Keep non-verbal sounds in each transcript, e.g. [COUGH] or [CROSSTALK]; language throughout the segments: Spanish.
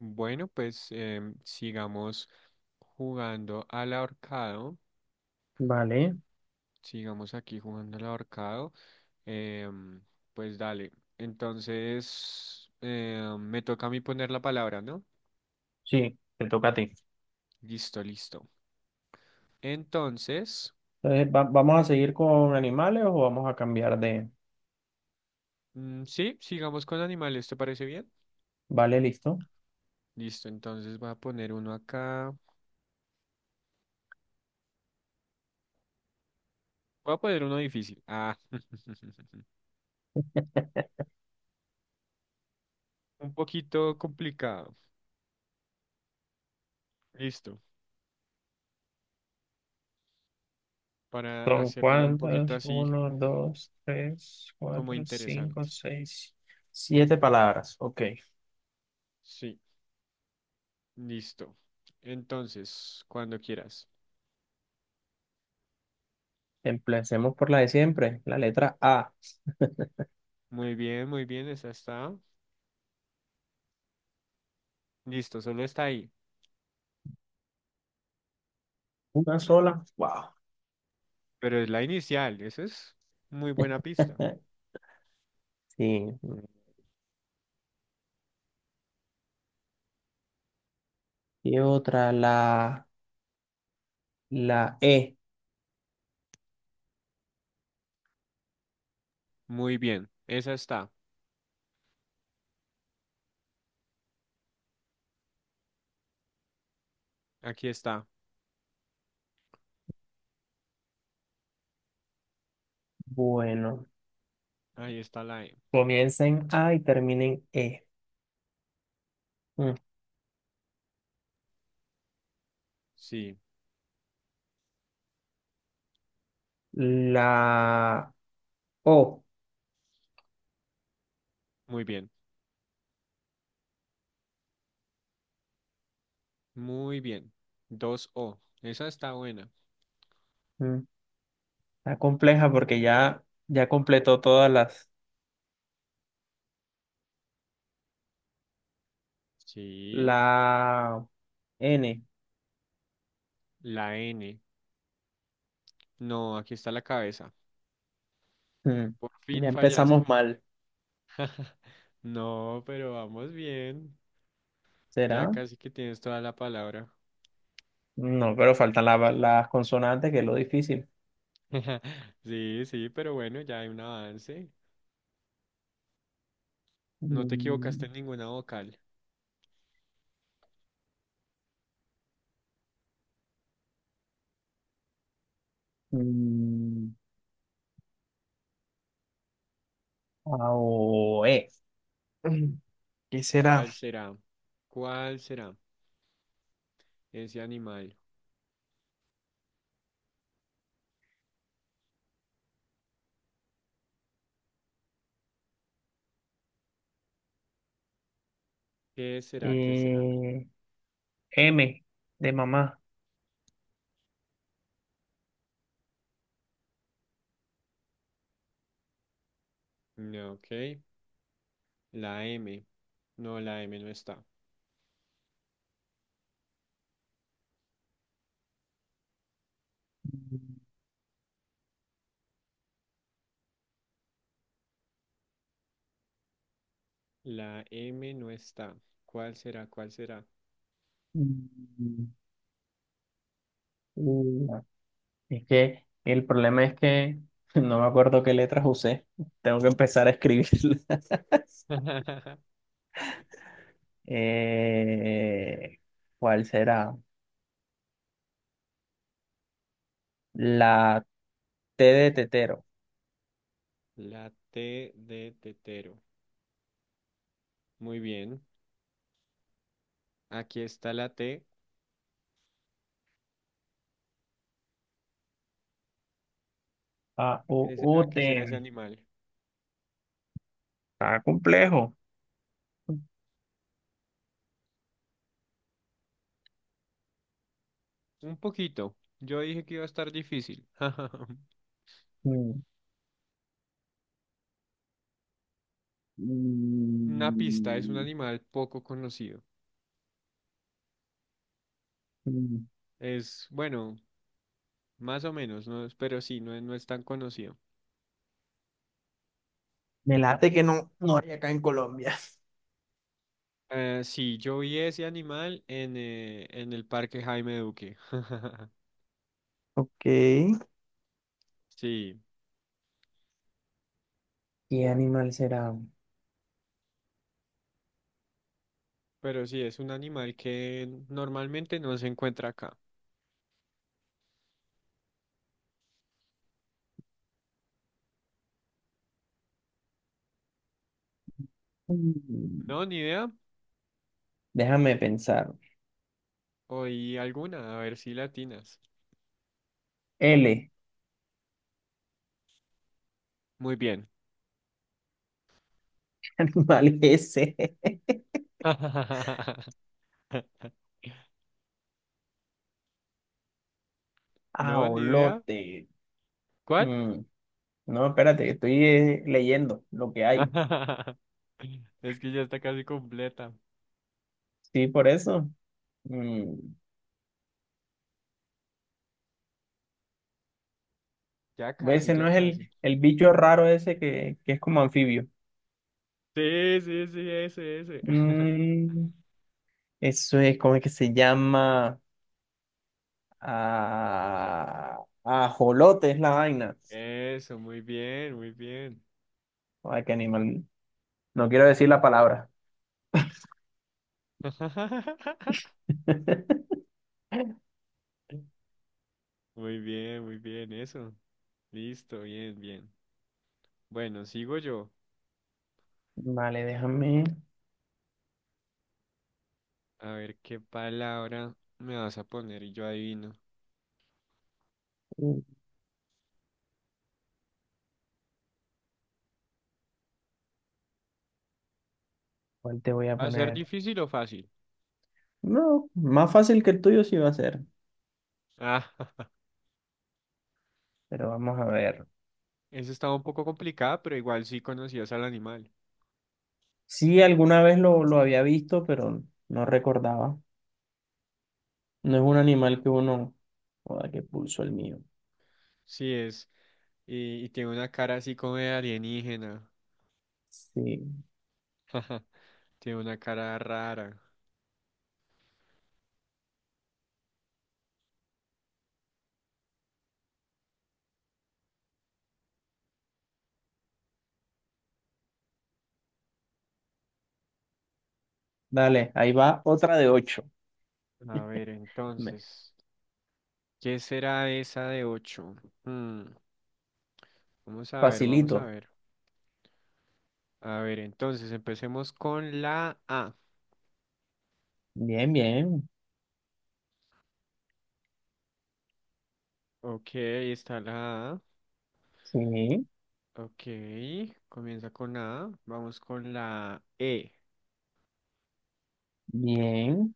Bueno, pues sigamos jugando al ahorcado. Vale. Sigamos aquí jugando al ahorcado. Em, pues dale. Entonces, me toca a mí poner la palabra, ¿no? Sí, te toca a ti. Listo, listo. Entonces, Entonces, ¿vamos a seguir con animales o vamos a cambiar de... sí, sigamos con animales, ¿te parece bien? Vale, listo. Listo, entonces voy a poner uno acá. Voy a poner uno difícil. Ah, [LAUGHS] un poquito complicado. Listo, para ¿Son hacerlo un cuántas? poquito así Uno, dos, tres, como cuatro, cinco, interesante. seis, siete palabras. Ok. Sí. Listo. Entonces, cuando quieras. Empecemos por la de siempre, la letra A. Muy bien, esa está. Listo, solo está ahí. Una sola. Wow. Pero es la inicial, esa es muy buena pista. [LAUGHS] Sí. Y otra, la E. Muy bien, esa está. Aquí está. Bueno, Ahí está la E. comiencen A y terminen E. Mm. Sí, La O. muy bien. Muy bien. Dos o esa está buena. Mm. Está compleja porque ya completó todas las, Sí, la N. la N. No, aquí está la cabeza. Hmm, Por Ya fin fallaste. empezamos mal. [LAUGHS] No, pero vamos bien. Ya ¿Será? casi que tienes toda la palabra. No, pero faltan las consonantes, que es lo difícil. [LAUGHS] Sí, sí, pero bueno, ya hay un avance. No te Mm, equivocaste en ninguna vocal. mm, A o E. Mm, ¿Qué será? ¿Cuál será? ¿Cuál será ese animal? ¿Qué será? ¿Qué será? Eh, M de mamá. No, ok. La M. No, la M no está. La M no está. ¿Cuál será? ¿Cuál será? Mm, u. Es que el problema es que [LAUGHS] no me acuerdo qué letras usé. Tengo que empezar a escribirlas. [LAUGHS] [LAUGHS] Eh, ¿cuál será? La T de tetero. La T de tetero. Muy bien. Aquí está la T. A, O ¿Qué será? U, ¿Qué será ese T. animal? Está complejo. Un poquito. Yo dije que iba a estar difícil. [LAUGHS] Mm. Una pista es un Mm. animal poco conocido. Mm. Es, bueno, más o menos, ¿no? Pero sí, no, no es tan conocido. Me late que no, no hay acá en Colombia. [LAUGHS] Sí, yo vi ese animal en el Parque Jaime Duque. [LAUGHS] Ok. Sí, ¿Qué animal será? pero sí, es un animal que normalmente no se encuentra acá. Mm, No, ni idea. Déjame pensar. Oí alguna, a ver si latinas. L. Muy bien. [LAUGHS] Animal S. [LAUGHS] No, ni idea. Aolote. ¿Cuál? Mm, No, espérate, que estoy leyendo lo que hay. [LAUGHS] Es que ya está casi completa. Sí, por eso. Mm, Ya casi, Ese no ya es casi. El bicho raro ese que es como anfibio. Sí, sí, sí, ese, ese. [LAUGHS] Mm, eso es, ¿cómo es que se llama? Ah, ajolote es la vaina. Eso, muy bien, muy bien. Ay, qué animal. No quiero decir la palabra. [LAUGHS] [LAUGHS] Muy bien, eso. Listo, bien, bien. Bueno, sigo yo. Vale, déjame. A ver qué palabra me vas a poner y yo adivino. uh, ¿Cuál te voy a ¿Va a ser poner? difícil o fácil? No, más fácil que el tuyo sí va a ser. Ah, [LAUGHS] Pero vamos a ver. eso estaba un poco complicada, pero igual sí conocías al animal. Sí, alguna vez lo había visto, pero no recordaba. No es un animal que uno. Joda, qué pulso el mío. Sí es. Y tiene una cara así como de alienígena. Sí. [LAUGHS] Tiene una cara rara. Dale, ahí va otra de ocho. A ver, Me- entonces. ¿Qué será esa de 8? Vamos a ver, vamos a Facilito. ver. A ver, entonces empecemos con la A. Bien, bien. Ok, ahí está la A. Sí, Ok, comienza con A. Vamos con la E. bien.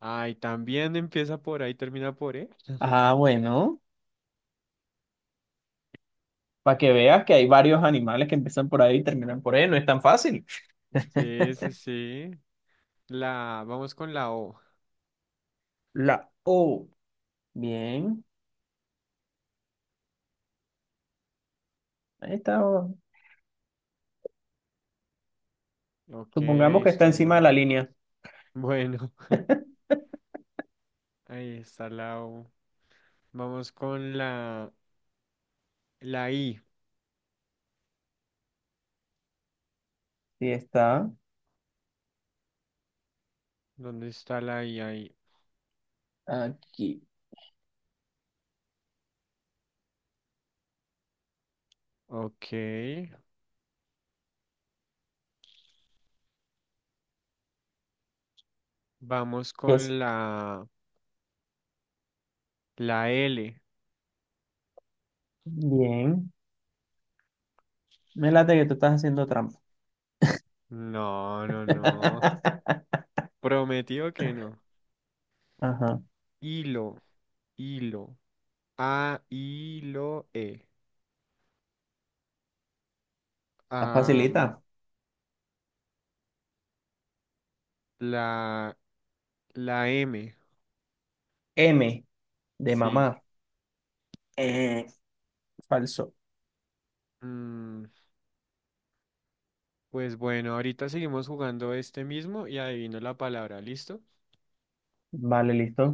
Ay, también empieza por A y termina por E. Ah, [LAUGHS] bueno. Para que veas que hay varios animales que empiezan por ahí y terminan por E. No es tan fácil. Sí, sí, [LAUGHS] sí. La, vamos con la O. La O. Bien. Ahí está. Ok, ahí Supongamos que está está la encima de la O. línea. Bueno, [LAUGHS] ahí está la O. Vamos con la, la I. Sí, está ¿Dónde está la I ahí? aquí. Ok. Vamos Es. con la, la L. Bien. Me late que tú estás haciendo trampa. No, no, no. [LAUGHS] Prometido que no. Ajá. Hilo, hilo. A, hilo, E. La facilita. Am, la, la M. M de Sí. mamá. Eh, falso. Mm, pues bueno, ahorita seguimos jugando este mismo y adivino la palabra, ¿listo? Vale, listo.